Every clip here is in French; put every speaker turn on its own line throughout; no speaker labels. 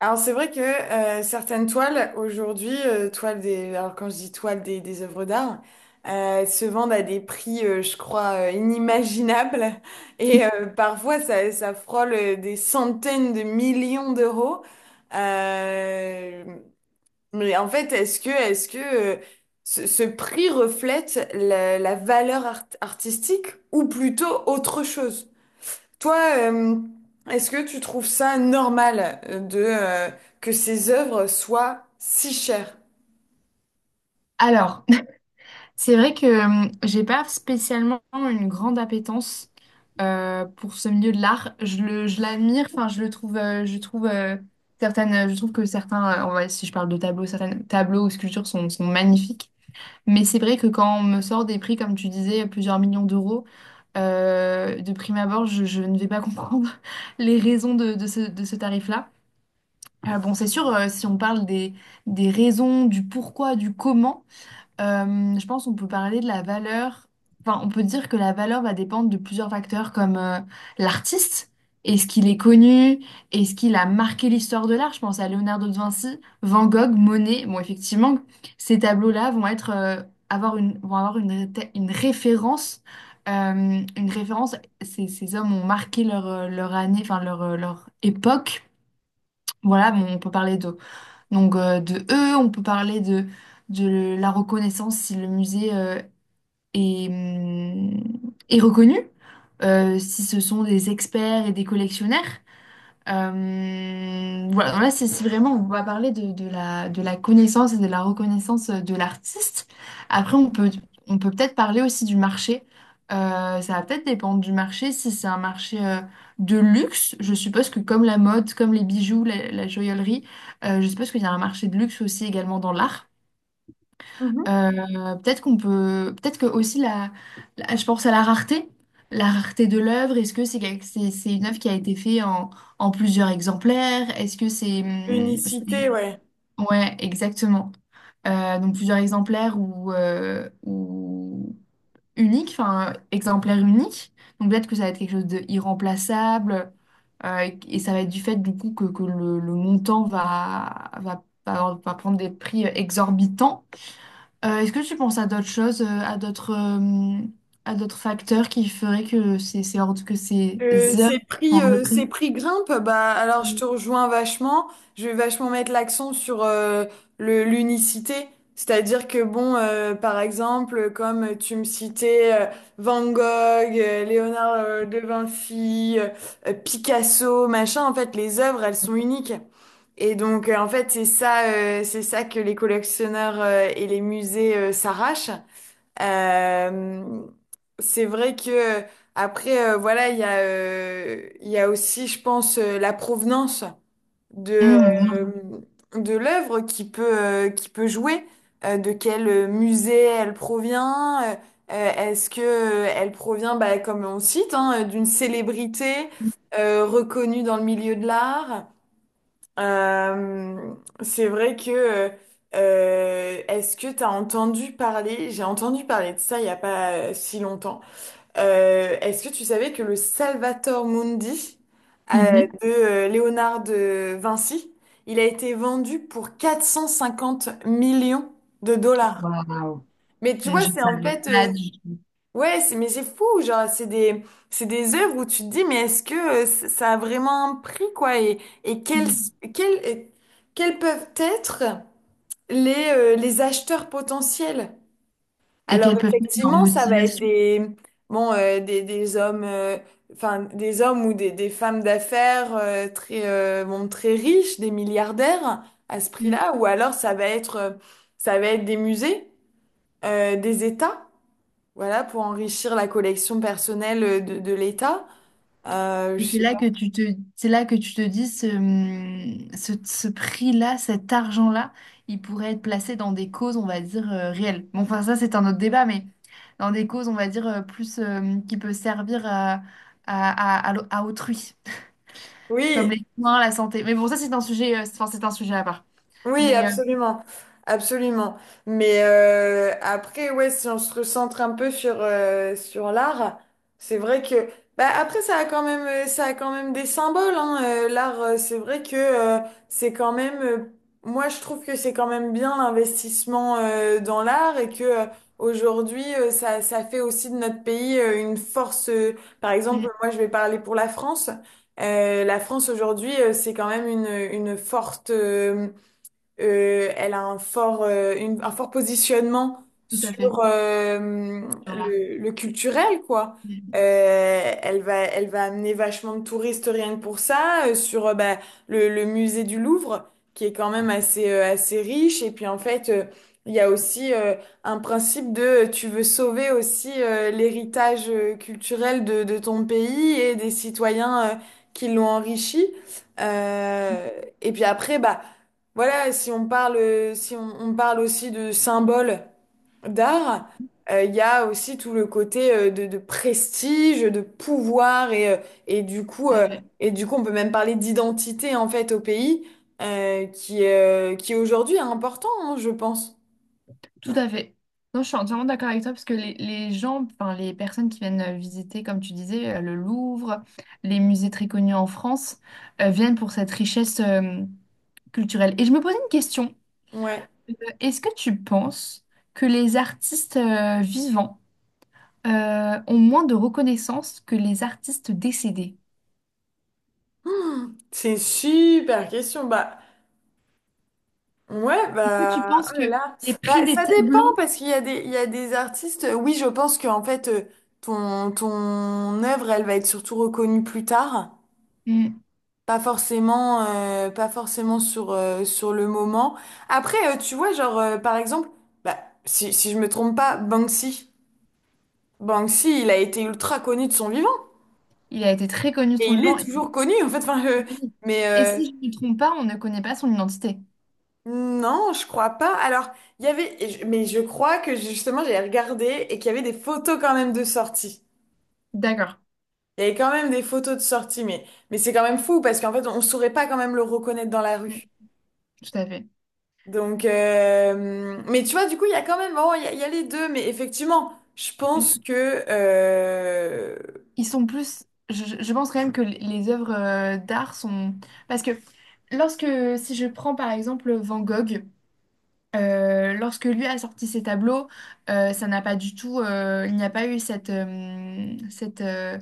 Alors c'est vrai que certaines toiles aujourd'hui, toiles des, alors quand je dis des œuvres d'art, se vendent à des prix, je crois, inimaginables. Et parfois ça frôle des centaines de millions d'euros. Euh, mais en fait, est-ce que ce prix reflète la valeur artistique ou plutôt autre chose? Toi, euh, est-ce que tu trouves ça normal de que ces œuvres soient si chères?
Alors, c'est vrai que j'ai pas spécialement une grande appétence pour ce milieu de l'art. Je l'admire, enfin je le trouve, je trouve je trouve que si je parle de tableaux, certains tableaux ou sculptures sont magnifiques. Mais c'est vrai que quand on me sort des prix, comme tu disais, plusieurs millions d'euros, de prime abord, je ne vais pas comprendre les raisons de ce tarif-là. Bon, c'est sûr, si on parle des raisons, du pourquoi, du comment. Je pense qu'on peut parler de la valeur. Enfin, on peut dire que la valeur va dépendre de plusieurs facteurs comme l'artiste. Est-ce qu'il est connu? Est-ce qu'il a marqué l'histoire de l'art? Je pense à Leonardo da Vinci, Van Gogh, Monet. Bon, effectivement, ces tableaux-là vont avoir vont avoir une référence. euh, une référence. Ces, ces hommes ont marqué leur année, enfin leur époque. Voilà, bon, on peut parler d'eux. De eux, on peut parler de la reconnaissance si le musée est, hum, est reconnu, si ce sont des experts et des collectionneurs. Voilà, là, c'est vraiment, on va parler de la connaissance et de la reconnaissance de l'artiste. Après, on peut peut-être parler aussi du marché. Ça va peut-être dépendre du marché. Si c'est un marché de luxe, je suppose que comme la mode, comme les bijoux, la joaillerie, je suppose qu'il y a un marché de luxe aussi également dans l'art.
Mhm.
Peut-être peut-être que aussi je pense à la rareté de l'œuvre. Est-ce que c'est une œuvre qui a été faite en plusieurs exemplaires? Est-ce que
L'unicité, ouais.
ouais, exactement. Donc plusieurs exemplaires ou unique, enfin exemplaire unique. Donc peut-être que ça va être quelque chose d'irremplaçable et ça va être du fait du coup que le montant va prendre des prix exorbitants. Est-ce que tu penses à d'autres choses, à d'autres facteurs qui feraient que c'est hors de, que ces heures
Ces
sont
prix,
hors de
ces
prix?
prix grimpent, bah alors je te rejoins vachement. Je vais vachement mettre l'accent sur le l'unicité, c'est-à-dire que bon, par exemple, comme tu me citais Van Gogh, Léonard de Vinci, Picasso, machin, en fait, les œuvres, elles sont uniques. Et donc, en fait, c'est ça que les collectionneurs et les musées s'arrachent. Euh, c'est vrai que après, voilà, il y a aussi, je pense, la provenance de
Mmh,
euh,
bien.
de l'œuvre qui peut jouer. De quel musée elle provient? Est-ce que elle provient, bah, comme on cite, hein, d'une célébrité reconnue dans le milieu de l'art? Euh, c'est vrai que est-ce que t'as entendu parler, j'ai entendu parler de ça il y a pas si longtemps. Est-ce que tu savais que le Salvator Mundi euh,
Mhm.
de Léonard de Vinci, il a été vendu pour 450 millions de dollars.
Waouh,
Mais tu vois,
je ne
c'est en
savais
fait,
pas du tout.
ouais, mais c'est fou, genre, c'est des œuvres où tu te dis, mais est-ce que ça a vraiment un prix, quoi, et,
Mmh.
quels, euh, quels peuvent être les acheteurs potentiels?
Et
Alors,
qu'elles peuvent être en
effectivement, ça va être
motivation.
des, bon, des hommes, enfin, des hommes ou des femmes d'affaires très, bon, très riches, des milliardaires à ce prix-là, ou alors ça va être des musées, des États. Voilà, pour enrichir la collection personnelle de l'État. Je
Et c'est
sais
là
pas.
que tu c'est là que tu te dis ce prix-là, cet argent-là, il pourrait être placé dans des causes, on va dire, réelles. Bon, enfin, ça, c'est un autre débat, mais dans des causes, on va dire, plus qui peut servir à l'au- à autrui, comme
Oui,
les soins, la santé. Mais bon, ça, c'est un sujet, c'est enfin, c'est un sujet à part.
oui,
Mais euh,
absolument, absolument. Mais après, ouais, si on se recentre un peu sur sur l'art, c'est vrai que bah après ça a quand même ça a quand même des symboles, hein. L'art, c'est vrai que c'est quand même moi je trouve que c'est quand même bien l'investissement dans l'art et que aujourd'hui ça fait aussi de notre pays une force. Par exemple,
hum,
moi je vais parler pour la France. La France aujourd'hui, c'est quand même une forte elle a un fort, un fort positionnement
Tout à fait,
sur
sur l'art.
le culturel, quoi.
Hum,
Elle va, elle va amener vachement de touristes rien que pour ça, sur bah, le musée du Louvre, qui est quand même assez, assez riche. Et puis en fait, il y a aussi un principe de tu veux sauver aussi l'héritage culturel de ton pays et des citoyens qui l'ont enrichi. Euh, et puis après, bah, voilà, si on parle, si on parle aussi de symboles d'art, il y a aussi tout le côté de prestige, de pouvoir et, et du coup,
tout à
euh,
fait.
et du coup, on peut même parler d'identité en fait au pays, qui aujourd'hui est important, hein, je pense.
Tout à fait. Non, je suis entièrement d'accord avec toi parce que les gens, enfin les personnes qui viennent visiter, comme tu disais, le Louvre, les musées très connus en France, viennent pour cette richesse culturelle. Et je me posais une question.
Ouais.
Euh, Est-ce que tu penses que les artistes vivants ont moins de reconnaissance que les artistes décédés?
Hmm, c'est une super question. Bah, ouais,
Est-ce que tu
bah,
penses
oh là
que
là.
les prix
Bah,
des
ça dépend
tableaux,
parce qu'il y a il y a des artistes. Oui, je pense qu'en fait, ton œuvre, elle va être surtout reconnue plus tard.
Hmm,
Pas forcément, pas forcément sur, sur le moment. Après, tu vois, genre, par exemple, bah, si, si je me trompe pas, Banksy. Banksy, il a été ultra connu de son vivant.
il a été très connu de
Et
son
il est
vivant, et,
toujours connu, en fait. Enfin,
oui.
mais,
Et si je ne me trompe pas, on ne connaît pas son identité.
non, je crois pas. Alors, il y avait, mais je crois que justement, j'avais regardé et qu'il y avait des photos quand même de sortie.
D'accord.
Il y avait quand même des photos de sortie, mais c'est quand même fou parce qu'en fait, on saurait pas quand même le reconnaître dans la
Hmm.
rue.
Tout à fait.
Donc, mais tu vois, du coup, il y a quand même, bon, il y a les deux, mais effectivement, je pense
Mm.
que,
Ils sont plus. Je pense quand même que les œuvres d'art sont. Parce que lorsque. Si je prends par exemple Van Gogh. Lorsque lui a sorti ses tableaux, ça n'a pas du tout, il n'y a pas eu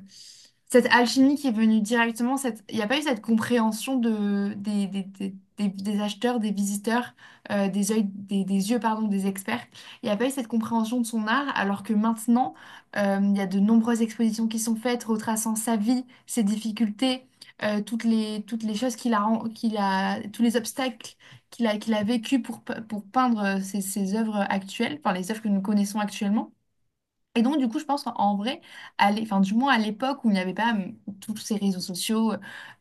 cette alchimie qui est venue directement, cette, il n'y a pas eu cette compréhension de, des acheteurs, des visiteurs, des yeux, pardon, des experts. Il n'y a pas eu cette compréhension de son art, alors que maintenant, il y a de nombreuses expositions qui sont faites, retraçant sa vie, ses difficultés, toutes les choses qu'il a, tous les obstacles qu'il a vécu pour peindre ses œuvres actuelles, enfin les œuvres que nous connaissons actuellement. Et donc, du coup, je pense qu'en vrai, enfin, du moins à l'époque où il n'y avait pas tous ces réseaux sociaux,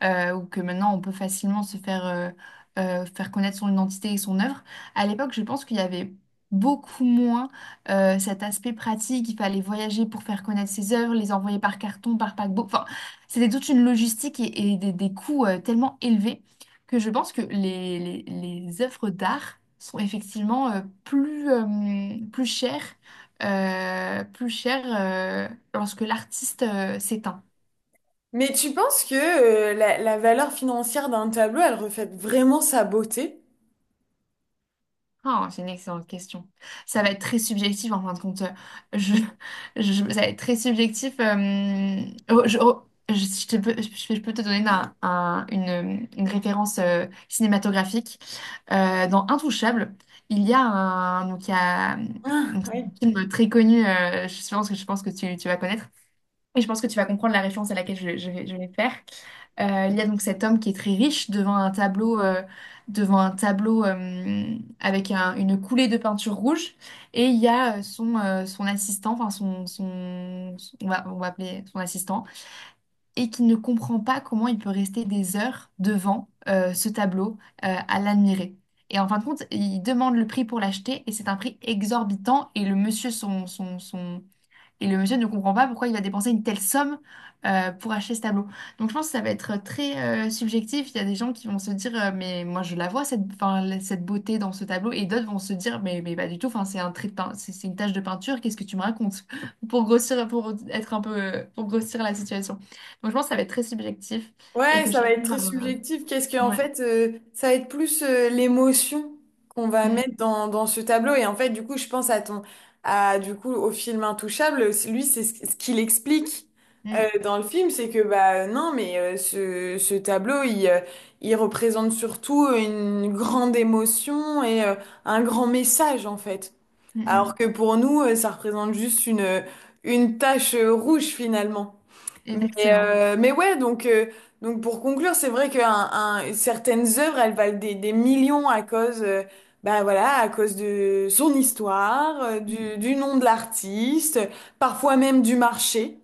ou que maintenant on peut facilement se faire, faire connaître son identité et son œuvre, à l'époque, je pense qu'il y avait beaucoup moins cet aspect pratique. Il fallait voyager pour faire connaître ses œuvres, les envoyer par carton, par paquebot. Enfin, c'était toute une logistique et des coûts tellement élevés que je pense que les œuvres d'art sont effectivement plus chères plus cher lorsque l'artiste s'éteint?
mais tu penses que la valeur financière d'un tableau, elle reflète vraiment sa beauté?
Ah, c'est une excellente question. Ça va être très subjectif en fin de compte. Je, Ça va être très subjectif. Oh, je te peux, Je peux te donner une référence cinématographique. Dans Intouchable, il y a,
Ah,
donc c'est un film très connu, je pense que tu vas connaître. Et je pense que tu vas comprendre la référence à laquelle je vais faire. Il y a donc cet homme qui est très riche devant un tableau, avec une coulée de peinture rouge. Et il y a son assistant, enfin on va appeler son assistant, et qui ne comprend pas comment il peut rester des heures devant ce tableau à l'admirer. Et en fin de compte, il demande le prix pour l'acheter et c'est un prix exorbitant. Et le monsieur ne comprend pas pourquoi il va dépenser une telle somme pour acheter ce tableau. Donc je pense que ça va être très subjectif. Il y a des gens qui vont se dire mais moi je la vois cette, enfin, cette beauté dans ce tableau et d'autres vont se dire mais pas du tout. Enfin c'est une tache de peinture. Qu'est-ce que tu me racontes? Pour grossir pour être un peu pour grossir la situation. Donc je pense que ça va être très subjectif et
ouais,
que
ça va
chacun
être
va
très subjectif. Qu'est-ce que, en
ouais.
fait, ça va être plus l'émotion qu'on va
Mm,
mettre dans, dans ce tableau. Et en fait, du coup, je pense à ton, à, du coup, au film Intouchable. C'est- lui, c'est ce ce qu'il explique
mm,
dans le film, c'est que, bah, non, mais ce tableau, il représente surtout une grande émotion et un grand message, en fait.
mm,
Alors
mm.
que pour nous, ça représente juste une tache rouge, finalement. Mais,
Exactement.
mais ouais, donc pour conclure, c'est vrai que un, certaines œuvres, elles valent des millions à cause, bah voilà, à cause de son histoire,
Mm,
du nom de l'artiste, parfois même du marché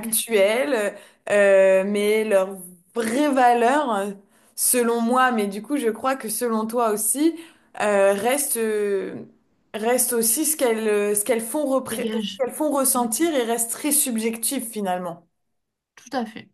mm.
Mais leur vraie valeur, selon moi, mais du coup, je crois que selon toi aussi, reste, reste aussi ce qu'elles, ce
Dégage.
qu'elles font
Mm,
ressentir et reste très subjectif finalement.
tout à fait.